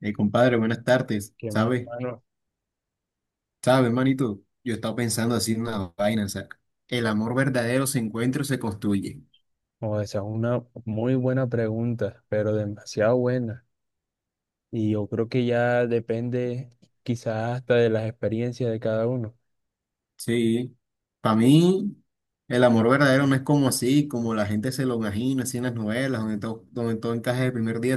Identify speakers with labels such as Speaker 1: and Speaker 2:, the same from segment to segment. Speaker 1: Compadre, buenas tardes.
Speaker 2: Qué más,
Speaker 1: ¿Sabes?
Speaker 2: mano.
Speaker 1: ¿Sabes, manito? Yo he estado pensando así en una vaina, o sea, el amor verdadero se encuentra o se construye.
Speaker 2: O esa es una muy buena pregunta, pero demasiado buena. Y yo creo que ya depende quizás hasta de las experiencias de cada uno.
Speaker 1: Sí. Para mí, el amor verdadero no es como así, como la gente se lo imagina, así en las novelas, donde todo encaja el primer día.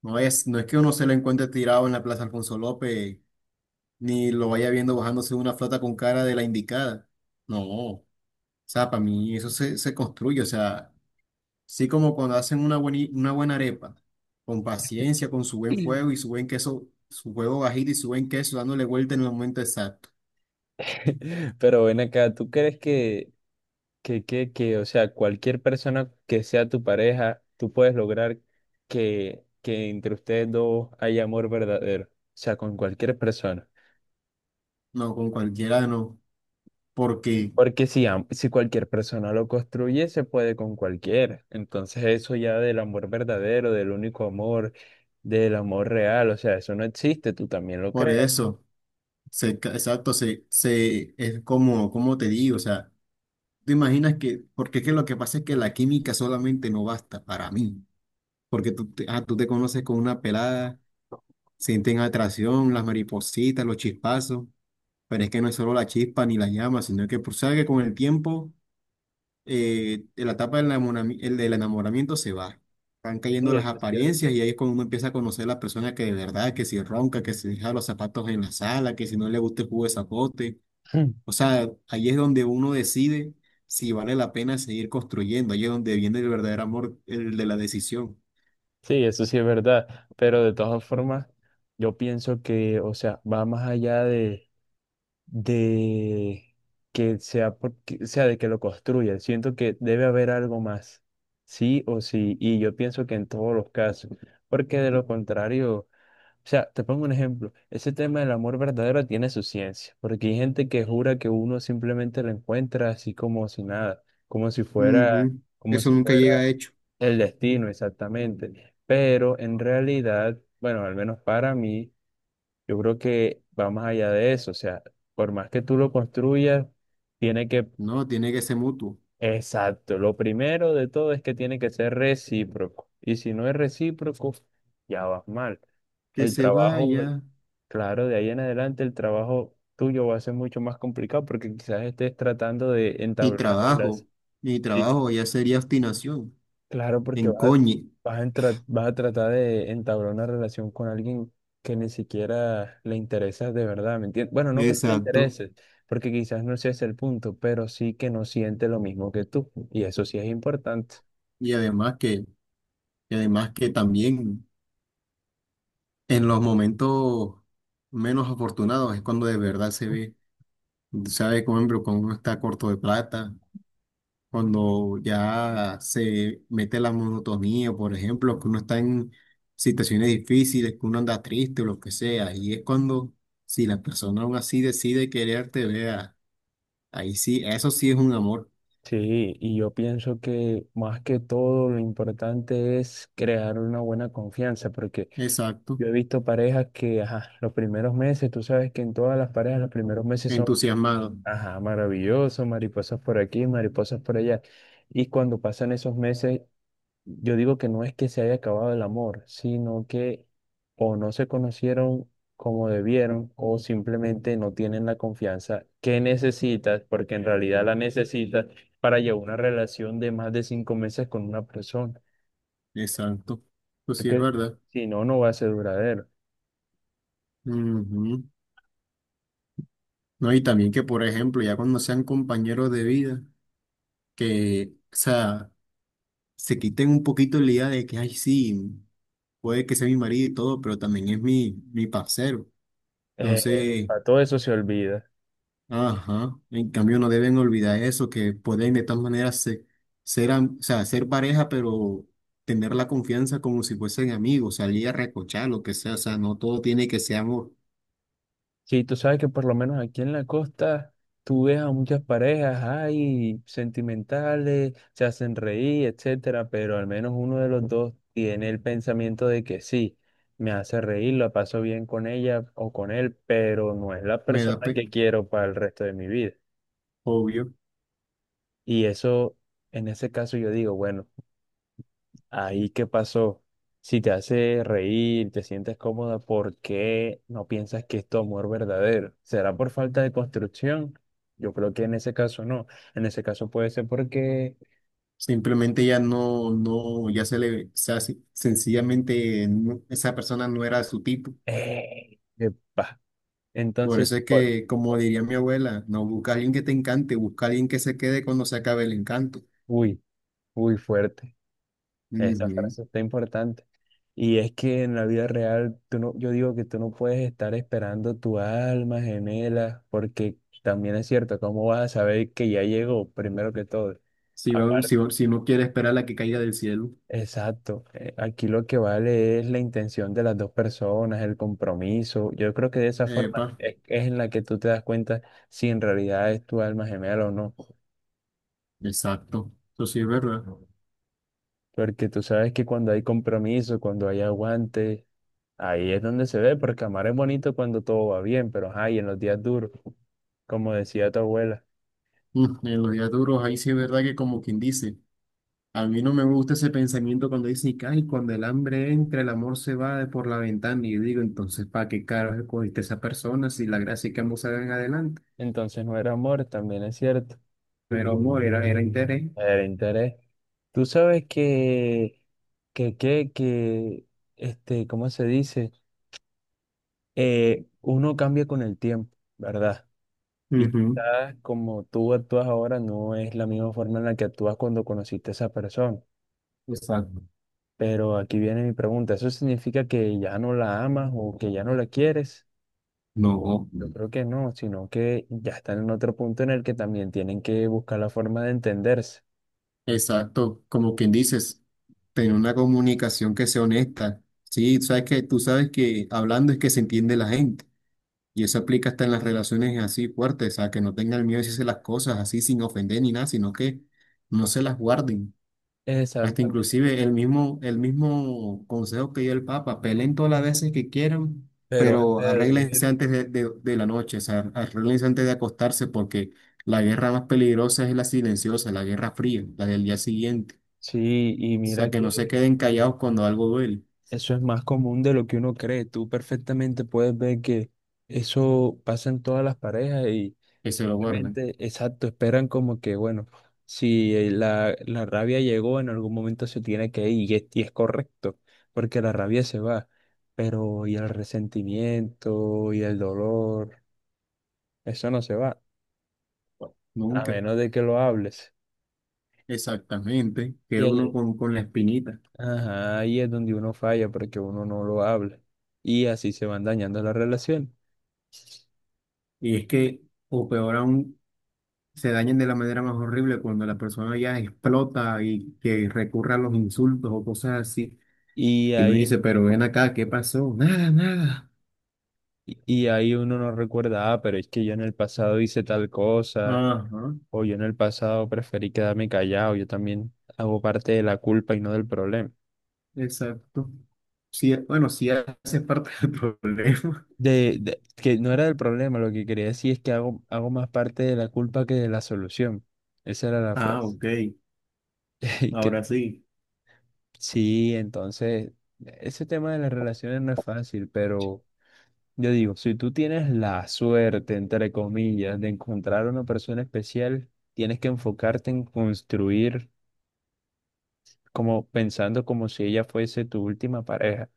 Speaker 1: No es que uno se lo encuentre tirado en la Plaza Alfonso López, ni lo vaya viendo bajándose de una flota con cara de la indicada. No. O sea, para mí eso se construye, o sea. Sí, como cuando hacen una buena arepa, con paciencia, con su buen fuego y su buen queso, su huevo bajito y su buen queso, dándole vuelta en el momento exacto.
Speaker 2: Mm. Pero ven acá, ¿tú crees que, o sea, cualquier persona que sea tu pareja, tú puedes lograr que, entre ustedes dos haya amor verdadero? O sea, con cualquier persona.
Speaker 1: No, con cualquiera no, porque
Speaker 2: Porque si, si cualquier persona lo construye, se puede con cualquiera. Entonces eso ya del amor verdadero, del único amor, del amor real, o sea, eso no existe, tú también lo
Speaker 1: por
Speaker 2: creas.
Speaker 1: eso, exacto, es como, como te digo, o sea, tú imaginas que, porque es que lo que pasa es que la química solamente no basta para mí, porque tú te conoces con una pelada, sienten atracción, las maripositas, los chispazos, pero es que no es solo la chispa ni la llama, sino que, pues, sabes que con el tiempo de la etapa del enamorami- el del enamoramiento se va. Van
Speaker 2: Sí,
Speaker 1: cayendo las
Speaker 2: eso es cierto.
Speaker 1: apariencias y ahí es cuando uno empieza a conocer a la persona que de verdad, que si ronca, que si deja los zapatos en la sala, que si no le gusta el jugo de zapote. O sea, ahí es donde uno decide si vale la pena seguir construyendo. Ahí es donde viene el verdadero amor, el de la decisión.
Speaker 2: Sí, eso sí es verdad. Pero de todas formas, yo pienso que, o sea, va más allá de que sea porque, sea, de que lo construya. Siento que debe haber algo más, sí o sí. Y yo pienso que en todos los casos, porque de lo contrario... O sea, te pongo un ejemplo. Ese tema del amor verdadero tiene su ciencia, porque hay gente que jura que uno simplemente lo encuentra así como si nada,
Speaker 1: Ujú.
Speaker 2: como
Speaker 1: Eso
Speaker 2: si
Speaker 1: nunca llega
Speaker 2: fuera
Speaker 1: hecho.
Speaker 2: el destino exactamente. Pero en realidad, bueno, al menos para mí, yo creo que va más allá de eso. O sea, por más que tú lo construyas, tiene que,
Speaker 1: No, tiene que ser mutuo.
Speaker 2: exacto, lo primero de todo es que tiene que ser recíproco. Y si no es recíproco, ya vas mal.
Speaker 1: Que
Speaker 2: El
Speaker 1: se
Speaker 2: trabajo
Speaker 1: vaya.
Speaker 2: Claro, de ahí en adelante el trabajo tuyo va a ser mucho más complicado porque quizás estés tratando de
Speaker 1: Y
Speaker 2: entablar una relación.
Speaker 1: trabajo. Y
Speaker 2: Sí,
Speaker 1: trabajo ya sería obstinación.
Speaker 2: claro, porque vas,
Speaker 1: Encoñe.
Speaker 2: vas a tratar de entablar una relación con alguien que ni siquiera le interesa de verdad, ¿me entiendes? Bueno, no que no le
Speaker 1: Exacto.
Speaker 2: interese, porque quizás no sea ese el punto, pero sí que no siente lo mismo que tú. Y eso sí es importante.
Speaker 1: Y además que, y además que también en los momentos menos afortunados es cuando de verdad se ve, sabe, por ejemplo, cuando uno está corto de plata, cuando ya se mete la monotonía, por ejemplo, que uno está en situaciones difíciles, que uno anda triste o lo que sea, y es cuando si la persona aún así decide quererte, vea, ahí sí, eso sí es un amor,
Speaker 2: Sí, y yo pienso que más que todo lo importante es crear una buena confianza, porque
Speaker 1: exacto,
Speaker 2: yo he visto parejas que, ajá, los primeros meses, tú sabes que en todas las parejas los primeros meses son,
Speaker 1: entusiasmado,
Speaker 2: ajá, maravillosos, mariposas por aquí, mariposas por allá. Y cuando pasan esos meses, yo digo que no es que se haya acabado el amor, sino que o no se conocieron como debieron o simplemente no tienen la confianza que necesitas, porque en realidad la necesitas para llevar una relación de más de 5 meses con una persona,
Speaker 1: exacto, eso sí es
Speaker 2: porque
Speaker 1: verdad.
Speaker 2: si no, no va a ser duradero.
Speaker 1: Ujú. No, y también que, por ejemplo, ya cuando sean compañeros de vida, que, o sea, se quiten un poquito la idea de que, ay, sí, puede que sea mi marido y todo, pero también es mi parcero.
Speaker 2: Eh,
Speaker 1: Entonces,
Speaker 2: para todo eso se olvida.
Speaker 1: ajá, en cambio no deben olvidar eso, que pueden de tal manera o sea, ser pareja, pero tener la confianza como si fuesen amigos, salir a recochar, lo que sea, o sea, no todo tiene que ser amor.
Speaker 2: Sí, tú sabes que por lo menos aquí en la costa tú ves a muchas parejas, hay sentimentales, se hacen reír, etcétera, pero al menos uno de los dos tiene el pensamiento de que sí, me hace reír, la paso bien con ella o con él, pero no es la
Speaker 1: Me da
Speaker 2: persona
Speaker 1: pe,
Speaker 2: que quiero para el resto de mi vida.
Speaker 1: obvio.
Speaker 2: Y eso, en ese caso yo digo, bueno. Ahí, ¿qué pasó? Si te hace reír, te sientes cómoda, ¿por qué no piensas que es tu amor verdadero? ¿Será por falta de construcción? Yo creo que en ese caso no. En ese caso puede ser porque...
Speaker 1: Simplemente ya no, no, ya se le, o sea, sencillamente esa persona no era su tipo.
Speaker 2: ¡Eh! ¡Epa!
Speaker 1: Por
Speaker 2: Entonces,
Speaker 1: eso es
Speaker 2: por-
Speaker 1: que, como diría mi abuela, no busca a alguien que te encante, busca a alguien que se quede cuando se acabe el encanto.
Speaker 2: uy, uy, fuerte. Esa
Speaker 1: Ujú.
Speaker 2: frase está importante. Y es que en la vida real, tú no, yo digo que tú no puedes estar esperando tu alma gemela, porque también es cierto, ¿cómo vas a saber que ya llegó primero que todo?
Speaker 1: Si va-
Speaker 2: Aparte,
Speaker 1: si, va- si no quiere esperar a la que caiga del cielo.
Speaker 2: exacto. Aquí lo que vale es la intención de las dos personas, el compromiso. Yo creo que de esa forma
Speaker 1: Epa,
Speaker 2: es en la que tú te das cuenta si en realidad es tu alma gemela o no.
Speaker 1: exacto. Eso sí es verdad.
Speaker 2: Porque tú sabes que cuando hay compromiso, cuando hay aguante, ahí es donde se ve, porque amar es bonito cuando todo va bien, pero ajá, y en los días duros, como decía tu abuela.
Speaker 1: Mm, en los días duros, ahí sí es verdad que como quien dice. A mí no me gusta ese pensamiento cuando dicen, que, ay, cuando el hambre entra, el amor se va de por la ventana. Y yo digo, entonces, ¿para qué carajo escogiste a esa persona si la gracia es que ambos salgan adelante?
Speaker 2: Entonces no era amor, también es cierto,
Speaker 1: Pero amor, era, era interés.
Speaker 2: era interés. Tú sabes que, que, que, este, ¿cómo se dice? Uno cambia con el tiempo, ¿verdad? Y
Speaker 1: Ujú,
Speaker 2: quizás como tú actúas ahora no es la misma forma en la que actúas cuando conociste a esa persona.
Speaker 1: exacto.
Speaker 2: Pero aquí viene mi pregunta, ¿eso significa que ya no la amas o que ya no la quieres?
Speaker 1: No,
Speaker 2: Yo creo que no, sino que ya están en otro punto en el que también tienen que buscar la forma de entenderse.
Speaker 1: exacto, como quien dices, tener una comunicación que sea honesta. Sí, sabes que tú sabes que hablando es que se entiende la gente y eso aplica hasta en las relaciones así fuertes, o sea, que no tengan miedo de decirse las cosas así sin ofender ni nada, sino que no se las guarden. Hasta
Speaker 2: Exactamente.
Speaker 1: inclusive el mismo consejo que dio el Papa, peleen todas las veces que quieran,
Speaker 2: Pero
Speaker 1: pero
Speaker 2: antes de
Speaker 1: arréglense
Speaker 2: dormir.
Speaker 1: antes de la noche, o sea, arréglense antes de acostarse, porque la guerra más peligrosa es la silenciosa, la guerra fría, la del día siguiente.
Speaker 2: Sí, y
Speaker 1: O sea,
Speaker 2: mira
Speaker 1: que no se
Speaker 2: que
Speaker 1: queden callados cuando algo duele,
Speaker 2: eso es más común de lo que uno cree. Tú perfectamente puedes ver que eso pasa en todas las parejas y
Speaker 1: que se lo guarden.
Speaker 2: simplemente, exacto, esperan como que, bueno, si la rabia llegó, en algún momento se tiene que ir y es correcto, porque la rabia se va, pero y el resentimiento y el dolor, eso no se va, a
Speaker 1: Nunca.
Speaker 2: menos de que lo hables.
Speaker 1: Exactamente.
Speaker 2: Y
Speaker 1: Queda uno
Speaker 2: ahí,
Speaker 1: con la espinita.
Speaker 2: ajá, ahí es donde uno falla porque uno no lo habla y así se van dañando las relaciones.
Speaker 1: Y es que, o peor aún, se dañen de la manera más horrible cuando la persona ya explota y que recurra a los insultos o cosas así.
Speaker 2: Y
Speaker 1: Y uno
Speaker 2: ahí,
Speaker 1: dice, pero ven acá, ¿qué pasó? Nada, nada.
Speaker 2: y ahí uno no recuerda, ah, pero es que yo en el pasado hice tal cosa,
Speaker 1: Ajá,
Speaker 2: o yo en el pasado preferí quedarme callado, yo también hago parte de la culpa y no del problema.
Speaker 1: exacto. Sí, bueno, sí hace parte del problema.
Speaker 2: Que no era del problema, lo que quería decir es que hago, hago más parte de la culpa que de la solución. Esa era la
Speaker 1: Ah,
Speaker 2: frase.
Speaker 1: ok.
Speaker 2: Y que,
Speaker 1: Ahora sí,
Speaker 2: sí, entonces, ese tema de las relaciones no es fácil, pero... Yo digo, si tú tienes la suerte, entre comillas, de encontrar a una persona especial, tienes que enfocarte en construir como pensando como si ella fuese tu última pareja.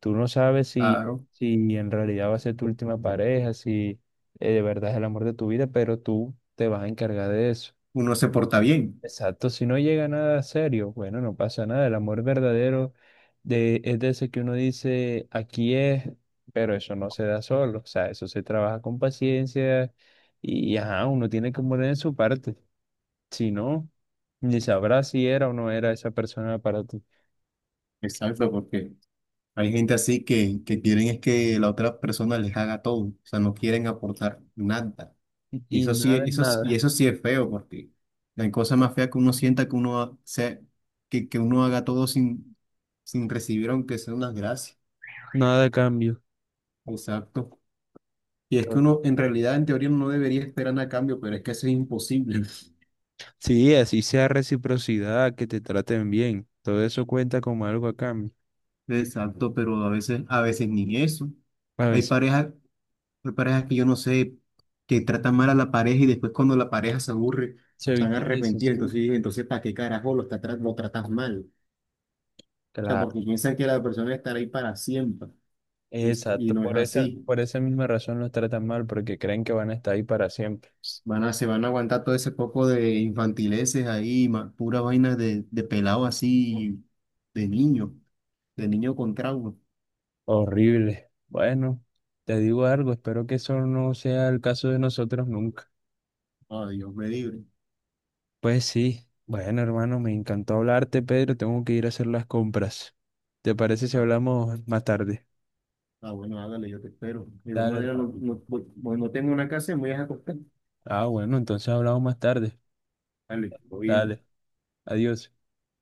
Speaker 2: Tú no sabes si,
Speaker 1: claro.
Speaker 2: si en realidad va a ser tu última pareja, si de verdad es el amor de tu vida, pero tú te vas a encargar de eso.
Speaker 1: Uno se porta bien.
Speaker 2: Exacto, si no llega nada serio, bueno, no pasa nada. El amor verdadero es de ese que uno dice, aquí es, pero eso no se da solo. O sea, eso se trabaja con paciencia y ajá, uno tiene que poner en su parte. Si no, ni sabrá si era o no era esa persona para ti.
Speaker 1: Exacto, porque hay gente así que quieren es que la otra persona les haga todo. O sea, no quieren aportar nada. Y
Speaker 2: Y
Speaker 1: eso sí,
Speaker 2: nada es
Speaker 1: eso, y
Speaker 2: nada,
Speaker 1: eso sí es feo, porque la cosa más fea que uno sienta que sea, que uno haga todo sin, sin recibir, aunque sea unas gracias.
Speaker 2: nada de cambio.
Speaker 1: Exacto. Y es que
Speaker 2: To-
Speaker 1: uno, en realidad, en teoría, no debería esperar nada a cambio, pero es que eso es imposible.
Speaker 2: Sí, así sea reciprocidad, que te traten bien. Todo eso cuenta como algo a cambio.
Speaker 1: Exacto, pero a veces ni eso.
Speaker 2: A
Speaker 1: Hay
Speaker 2: veces
Speaker 1: parejas, hay parejas que yo no sé, que tratan mal a la pareja y después cuando la pareja se aburre,
Speaker 2: se
Speaker 1: están
Speaker 2: victimizan.
Speaker 1: arrepentidos. Entonces ¿para qué carajo lo tratas mal? O sea,
Speaker 2: Claro.
Speaker 1: porque piensan que la persona estará ahí para siempre. Y, y
Speaker 2: Exacto,
Speaker 1: no es así.
Speaker 2: por esa misma razón los tratan mal, porque creen que van a estar ahí para siempre.
Speaker 1: Se van a aguantar todo ese poco de infantileces ahí, pura vaina de pelado así, de niño, de niño con trauma.
Speaker 2: Horrible. Bueno, te digo algo, espero que eso no sea el caso de nosotros nunca.
Speaker 1: Ah, Dios me libre.
Speaker 2: Pues sí, bueno, hermano, me encantó hablarte, Pedro, tengo que ir a hacer las compras. ¿Te parece si
Speaker 1: Ah,
Speaker 2: hablamos más tarde?
Speaker 1: ah, bueno, hágale, yo te espero. De igual
Speaker 2: Dale,
Speaker 1: manera, no,
Speaker 2: hermano.
Speaker 1: no, no tengo una casa, me voy a acostar.
Speaker 2: Ah, bueno, entonces hablamos más tarde.
Speaker 1: Dale, todo bien.
Speaker 2: Dale, adiós.